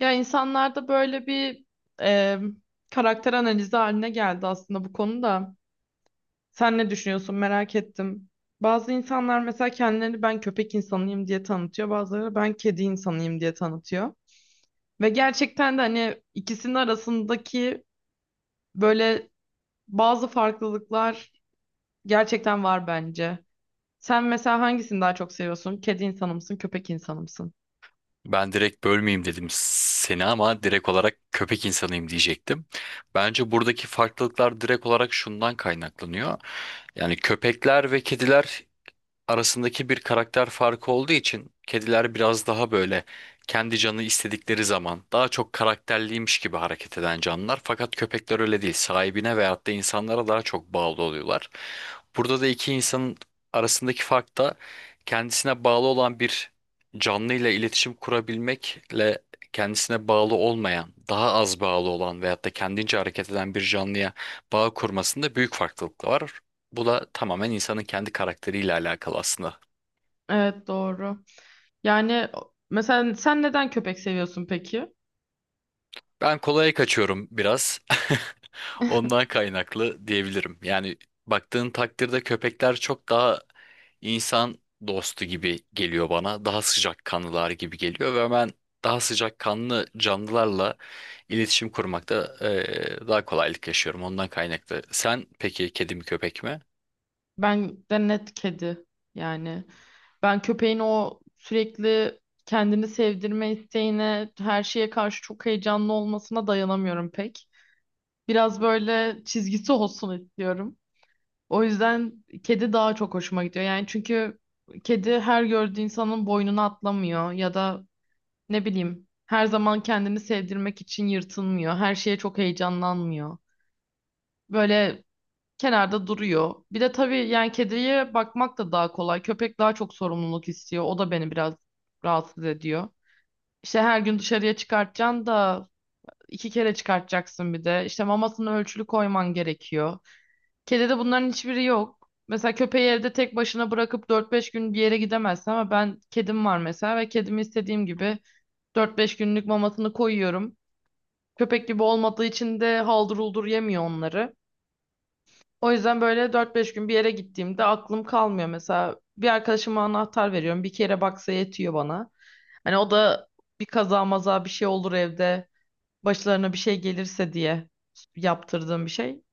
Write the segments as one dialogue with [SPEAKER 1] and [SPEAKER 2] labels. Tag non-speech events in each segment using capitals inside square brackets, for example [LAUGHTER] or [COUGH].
[SPEAKER 1] Ya insanlarda böyle bir e, karakter analizi haline geldi aslında bu konuda. Sen ne düşünüyorsun merak ettim. Bazı insanlar mesela kendilerini ben köpek insanıyım diye tanıtıyor. Bazıları ben kedi insanıyım diye tanıtıyor. Ve gerçekten de hani ikisinin arasındaki böyle bazı farklılıklar gerçekten var bence. Sen mesela hangisini daha çok seviyorsun? Kedi insanı mısın, köpek insanı mısın?
[SPEAKER 2] Ben direkt bölmeyeyim dedim seni ama direkt olarak köpek insanıyım diyecektim. Bence buradaki farklılıklar direkt olarak şundan kaynaklanıyor. Yani köpekler ve kediler arasındaki bir karakter farkı olduğu için kediler biraz daha böyle kendi canı istedikleri zaman daha çok karakterliymiş gibi hareket eden canlılar. Fakat köpekler öyle değil. Sahibine veyahut da insanlara daha çok bağlı oluyorlar. Burada da iki insanın arasındaki fark da kendisine bağlı olan bir canlıyla iletişim kurabilmekle kendisine bağlı olmayan, daha az bağlı olan veyahut da kendince hareket eden bir canlıya bağ kurmasında büyük farklılık var. Bu da tamamen insanın kendi karakteriyle alakalı aslında.
[SPEAKER 1] Evet, doğru. Yani mesela sen neden köpek seviyorsun peki?
[SPEAKER 2] Ben kolaya kaçıyorum biraz. [LAUGHS] Ondan kaynaklı diyebilirim. Yani baktığın takdirde köpekler çok daha insan dostu gibi geliyor bana. Daha sıcakkanlılar gibi geliyor ve ben daha sıcakkanlı canlılarla iletişim kurmakta daha kolaylık yaşıyorum. Ondan kaynaklı. Sen peki kedi mi köpek mi?
[SPEAKER 1] Ben de net kedi yani. Ben köpeğin o sürekli kendini sevdirme isteğine, her şeye karşı çok heyecanlı olmasına dayanamıyorum pek. Biraz böyle çizgisi olsun istiyorum. O yüzden kedi daha çok hoşuma gidiyor. Yani çünkü kedi her gördüğü insanın boynuna atlamıyor ya da ne bileyim her zaman kendini sevdirmek için yırtınmıyor. Her şeye çok heyecanlanmıyor. Böyle kenarda duruyor. Bir de tabii yani kediye bakmak da daha kolay. Köpek daha çok sorumluluk istiyor. O da beni biraz rahatsız ediyor. İşte her gün dışarıya çıkartacaksın da iki kere çıkartacaksın bir de. İşte mamasını ölçülü koyman gerekiyor. Kedide bunların hiçbiri yok. Mesela köpeği evde tek başına bırakıp dört beş gün bir yere gidemezsin ama ben kedim var mesela ve kedimi istediğim gibi dört beş günlük mamasını koyuyorum. Köpek gibi olmadığı için de haldır uldur yemiyor onları. O yüzden böyle dört beş gün bir yere gittiğimde aklım kalmıyor. Mesela bir arkadaşıma anahtar veriyorum. Bir kere baksa yetiyor bana. Hani o da bir kaza maza bir şey olur evde. Başlarına bir şey gelirse diye yaptırdığım bir şey.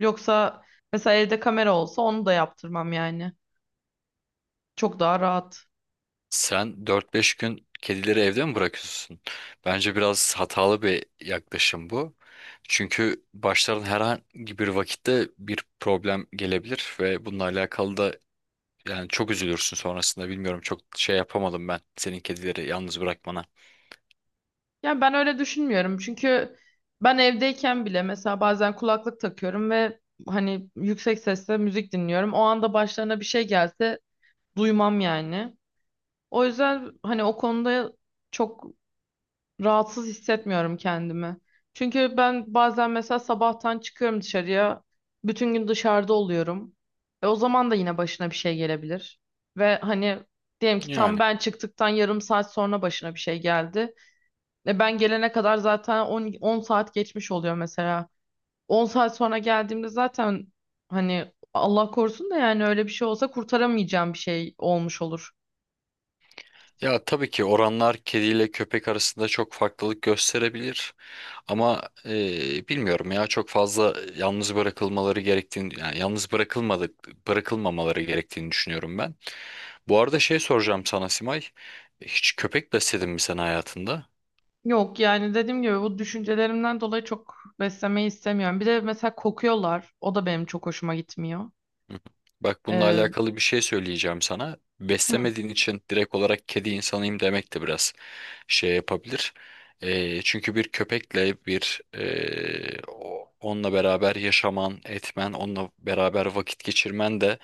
[SPEAKER 1] Yoksa mesela evde kamera olsa onu da yaptırmam yani. Çok daha rahat.
[SPEAKER 2] Sen dört beş gün kedileri evde mi bırakıyorsun? Bence biraz hatalı bir yaklaşım bu. Çünkü başların herhangi bir vakitte bir problem gelebilir ve bununla alakalı da yani çok üzülürsün sonrasında. Bilmiyorum çok şey yapamadım ben senin kedileri yalnız bırakmana.
[SPEAKER 1] Yani ben öyle düşünmüyorum. Çünkü ben evdeyken bile mesela bazen kulaklık takıyorum ve hani yüksek sesle müzik dinliyorum. O anda başlarına bir şey gelse duymam yani. O yüzden hani o konuda çok rahatsız hissetmiyorum kendimi. Çünkü ben bazen mesela sabahtan çıkıyorum dışarıya. Bütün gün dışarıda oluyorum. E o zaman da yine başına bir şey gelebilir. Ve hani diyelim ki tam
[SPEAKER 2] Yani
[SPEAKER 1] ben çıktıktan yarım saat sonra başına bir şey geldi. E ben gelene kadar zaten 10 saat geçmiş oluyor mesela. 10 saat sonra geldiğimde zaten hani Allah korusun da yani öyle bir şey olsa kurtaramayacağım bir şey olmuş olur.
[SPEAKER 2] ya tabii ki oranlar kediyle köpek arasında çok farklılık gösterebilir ama bilmiyorum ya çok fazla yalnız bırakılmaları gerektiğini yani yalnız bırakılmadık bırakılmamaları gerektiğini düşünüyorum ben. Bu arada şey soracağım sana Simay. Hiç köpek besledin mi sen hayatında?
[SPEAKER 1] Yok yani dediğim gibi bu düşüncelerimden dolayı çok beslemeyi istemiyorum. Bir de mesela kokuyorlar. O da benim çok hoşuma gitmiyor.
[SPEAKER 2] Hı. Hı. Bak bununla
[SPEAKER 1] Ee,
[SPEAKER 2] alakalı bir şey söyleyeceğim sana.
[SPEAKER 1] hı,
[SPEAKER 2] Beslemediğin için direkt olarak kedi insanıyım demek de biraz şey yapabilir. Çünkü bir köpekle bir onunla beraber yaşaman, etmen, onunla beraber vakit geçirmen de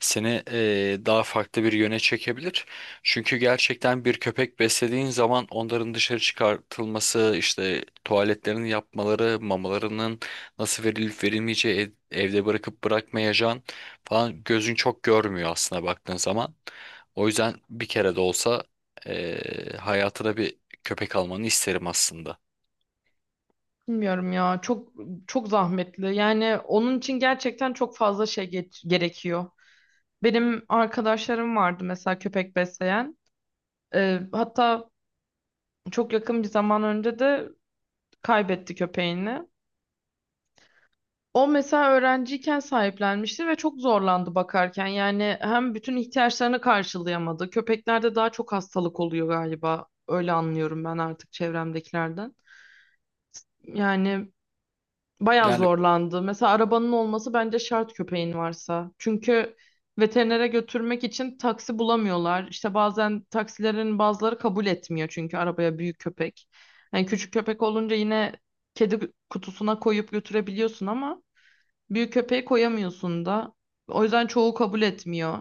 [SPEAKER 2] seni daha farklı bir yöne çekebilir. Çünkü gerçekten bir köpek beslediğin zaman onların dışarı çıkartılması, işte tuvaletlerini yapmaları, mamalarının nasıl verilip verilmeyeceği, evde bırakıp bırakmayacağın falan gözün çok görmüyor aslında baktığın zaman. O yüzden bir kere de olsa hayatına bir köpek almanı isterim aslında.
[SPEAKER 1] bilmiyorum ya, çok çok zahmetli. Yani onun için gerçekten çok fazla gerekiyor. Benim arkadaşlarım vardı mesela köpek besleyen. Hatta Çok yakın bir zaman önce de kaybetti köpeğini. O mesela öğrenciyken sahiplenmişti ve çok zorlandı bakarken. Yani hem bütün ihtiyaçlarını karşılayamadı. Köpeklerde daha çok hastalık oluyor galiba. Öyle anlıyorum ben artık çevremdekilerden. Yani bayağı
[SPEAKER 2] Yani.
[SPEAKER 1] zorlandı. Mesela arabanın olması bence şart köpeğin varsa. Çünkü veterinere götürmek için taksi bulamıyorlar. İşte bazen taksilerin bazıları kabul etmiyor çünkü arabaya büyük köpek. Yani küçük köpek olunca yine kedi kutusuna koyup götürebiliyorsun ama büyük köpeği koyamıyorsun da. O yüzden çoğu kabul etmiyor.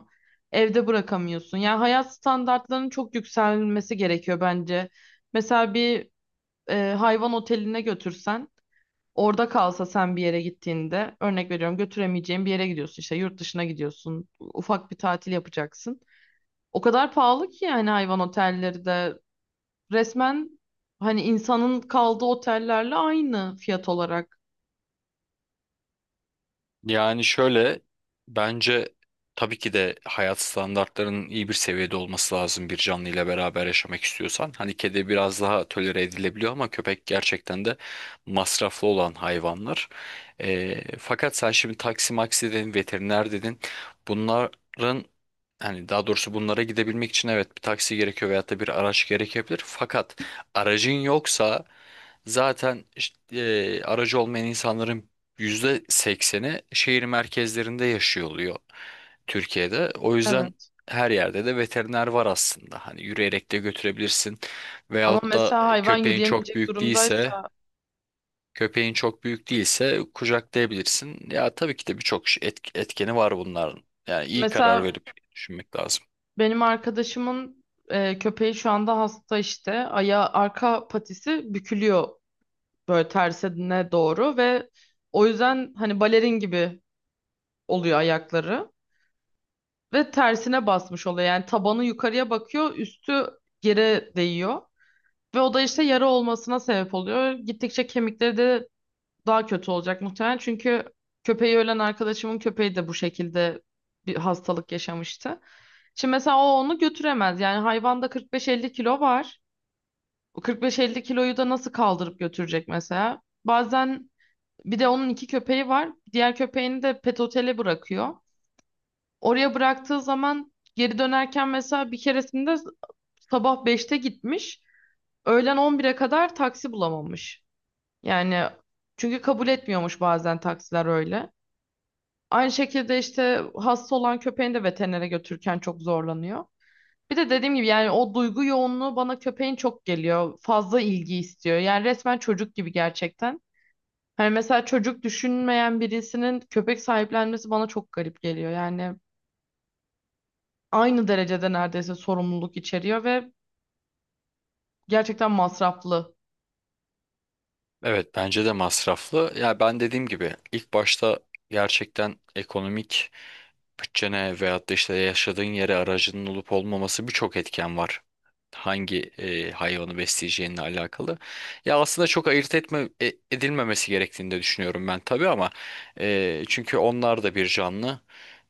[SPEAKER 1] Evde bırakamıyorsun. Yani hayat standartlarının çok yükselmesi gerekiyor bence. Mesela bir hayvan oteline götürsen, orada kalsa, sen bir yere gittiğinde, örnek veriyorum, götüremeyeceğin bir yere gidiyorsun, işte yurt dışına gidiyorsun, ufak bir tatil yapacaksın. O kadar pahalı ki yani hayvan otelleri de, resmen hani insanın kaldığı otellerle aynı fiyat olarak.
[SPEAKER 2] Yani şöyle bence tabii ki de hayat standartlarının iyi bir seviyede olması lazım bir canlı ile beraber yaşamak istiyorsan. Hani kedi biraz daha tolere edilebiliyor ama köpek gerçekten de masraflı olan hayvanlar. Fakat sen şimdi taksi maksi dedin, veteriner dedin. Bunların hani daha doğrusu bunlara gidebilmek için evet bir taksi gerekiyor veyahut da bir araç gerekebilir. Fakat aracın yoksa zaten işte, aracı olmayan insanların %80'i şehir merkezlerinde yaşıyor oluyor Türkiye'de. O yüzden
[SPEAKER 1] Evet.
[SPEAKER 2] her yerde de veteriner var aslında. Hani yürüyerek de götürebilirsin.
[SPEAKER 1] Ama
[SPEAKER 2] Veyahut da
[SPEAKER 1] mesela hayvan yürüyemeyecek durumdaysa,
[SPEAKER 2] köpeğin çok büyük değilse kucaklayabilirsin. Ya tabii ki de birçok etkeni var bunların. Yani iyi karar
[SPEAKER 1] mesela
[SPEAKER 2] verip düşünmek lazım.
[SPEAKER 1] benim arkadaşımın köpeği şu anda hasta, işte ayağı, arka patisi bükülüyor böyle tersine doğru ve o yüzden hani balerin gibi oluyor ayakları ve tersine basmış oluyor. Yani tabanı yukarıya bakıyor, üstü yere değiyor ve o da işte yara olmasına sebep oluyor. Gittikçe kemikleri de daha kötü olacak muhtemelen. Çünkü köpeği ölen arkadaşımın köpeği de bu şekilde bir hastalık yaşamıştı. Şimdi mesela o onu götüremez. Yani hayvanda 45-50 kilo var. O 45-50 kiloyu da nasıl kaldırıp götürecek mesela? Bazen bir de onun iki köpeği var. Diğer köpeğini de pet otele bırakıyor. Oraya bıraktığı zaman geri dönerken mesela bir keresinde sabah 5'te gitmiş. Öğlen 11'e kadar taksi bulamamış. Yani çünkü kabul etmiyormuş bazen taksiler öyle. Aynı şekilde işte hasta olan köpeğini de veterinere götürürken çok zorlanıyor. Bir de dediğim gibi yani o duygu yoğunluğu bana köpeğin çok geliyor. Fazla ilgi istiyor. Yani resmen çocuk gibi gerçekten. Hani mesela çocuk düşünmeyen birisinin köpek sahiplenmesi bana çok garip geliyor. Yani aynı derecede neredeyse sorumluluk içeriyor ve gerçekten masraflı.
[SPEAKER 2] Evet bence de masraflı. Ya ben dediğim gibi ilk başta gerçekten ekonomik bütçene veyahut da işte yaşadığın yere aracının olup olmaması birçok etken var. Hangi hayvanı besleyeceğinle alakalı. Ya aslında çok ayırt edilmemesi gerektiğini de düşünüyorum ben tabii ama çünkü onlar da bir canlı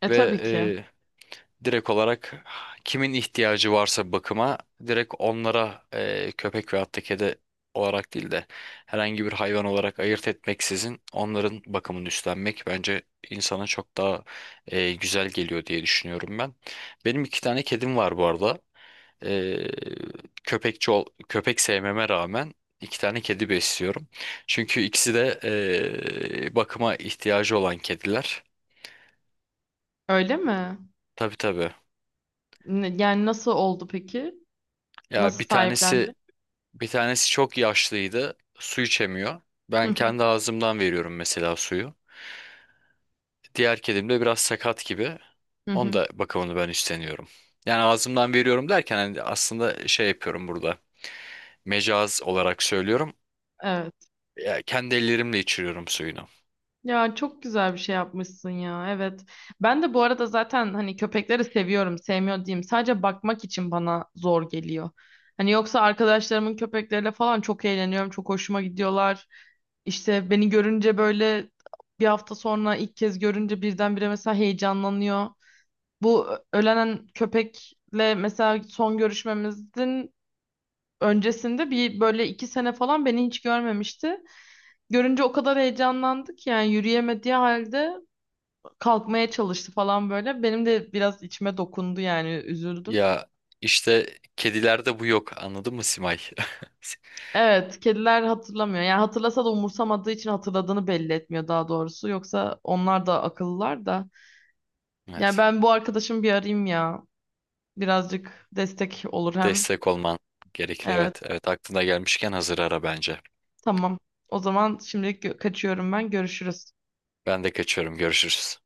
[SPEAKER 1] E
[SPEAKER 2] ve
[SPEAKER 1] tabii ki.
[SPEAKER 2] direkt olarak kimin ihtiyacı varsa bakıma direkt onlara köpek veyahut da kedi olarak değil de herhangi bir hayvan olarak ayırt etmeksizin onların bakımını üstlenmek bence insana çok daha güzel geliyor diye düşünüyorum ben. Benim iki tane kedim var bu arada. E, Köpek sevmeme rağmen iki tane kedi besliyorum. Çünkü ikisi de bakıma ihtiyacı olan kediler.
[SPEAKER 1] Öyle mi?
[SPEAKER 2] Tabii tabii.
[SPEAKER 1] Yani nasıl oldu peki?
[SPEAKER 2] Ya
[SPEAKER 1] Nasıl
[SPEAKER 2] bir
[SPEAKER 1] sahiplendi?
[SPEAKER 2] tanesi Bir tanesi çok yaşlıydı. Su içemiyor.
[SPEAKER 1] Hı
[SPEAKER 2] Ben
[SPEAKER 1] hı.
[SPEAKER 2] kendi ağzımdan veriyorum mesela suyu. Diğer kedim de biraz sakat gibi.
[SPEAKER 1] Hı
[SPEAKER 2] Onun
[SPEAKER 1] hı.
[SPEAKER 2] da bakımını ben üstleniyorum. Yani ağzımdan veriyorum derken hani aslında şey yapıyorum burada. Mecaz olarak söylüyorum.
[SPEAKER 1] Evet.
[SPEAKER 2] Ya kendi ellerimle içiriyorum suyunu.
[SPEAKER 1] Ya, çok güzel bir şey yapmışsın ya. Evet. Ben de bu arada zaten hani köpekleri seviyorum, sevmiyor diyeyim. Sadece bakmak için bana zor geliyor. Hani yoksa arkadaşlarımın köpekleriyle falan çok eğleniyorum, çok hoşuma gidiyorlar. İşte beni görünce böyle, bir hafta sonra ilk kez görünce birdenbire mesela heyecanlanıyor. Bu ölenen köpekle mesela son görüşmemizin öncesinde bir böyle iki sene falan beni hiç görmemişti. Görünce o kadar heyecanlandık yani, yürüyemediği halde kalkmaya çalıştı falan böyle. Benim de biraz içime dokundu yani, üzüldüm.
[SPEAKER 2] Ya işte kedilerde bu yok. Anladın mı Simay? [LAUGHS]
[SPEAKER 1] Evet, kediler hatırlamıyor. Yani hatırlasa da umursamadığı için hatırladığını belli etmiyor daha doğrusu. Yoksa onlar da akıllılar da. Yani
[SPEAKER 2] Evet.
[SPEAKER 1] ben bu arkadaşımı bir arayayım ya. Birazcık destek olur hem.
[SPEAKER 2] Destek olman gerekir.
[SPEAKER 1] Evet.
[SPEAKER 2] Evet. Evet aklına gelmişken hazır ara bence.
[SPEAKER 1] Tamam. O zaman şimdilik kaçıyorum ben. Görüşürüz.
[SPEAKER 2] Ben de kaçıyorum. Görüşürüz.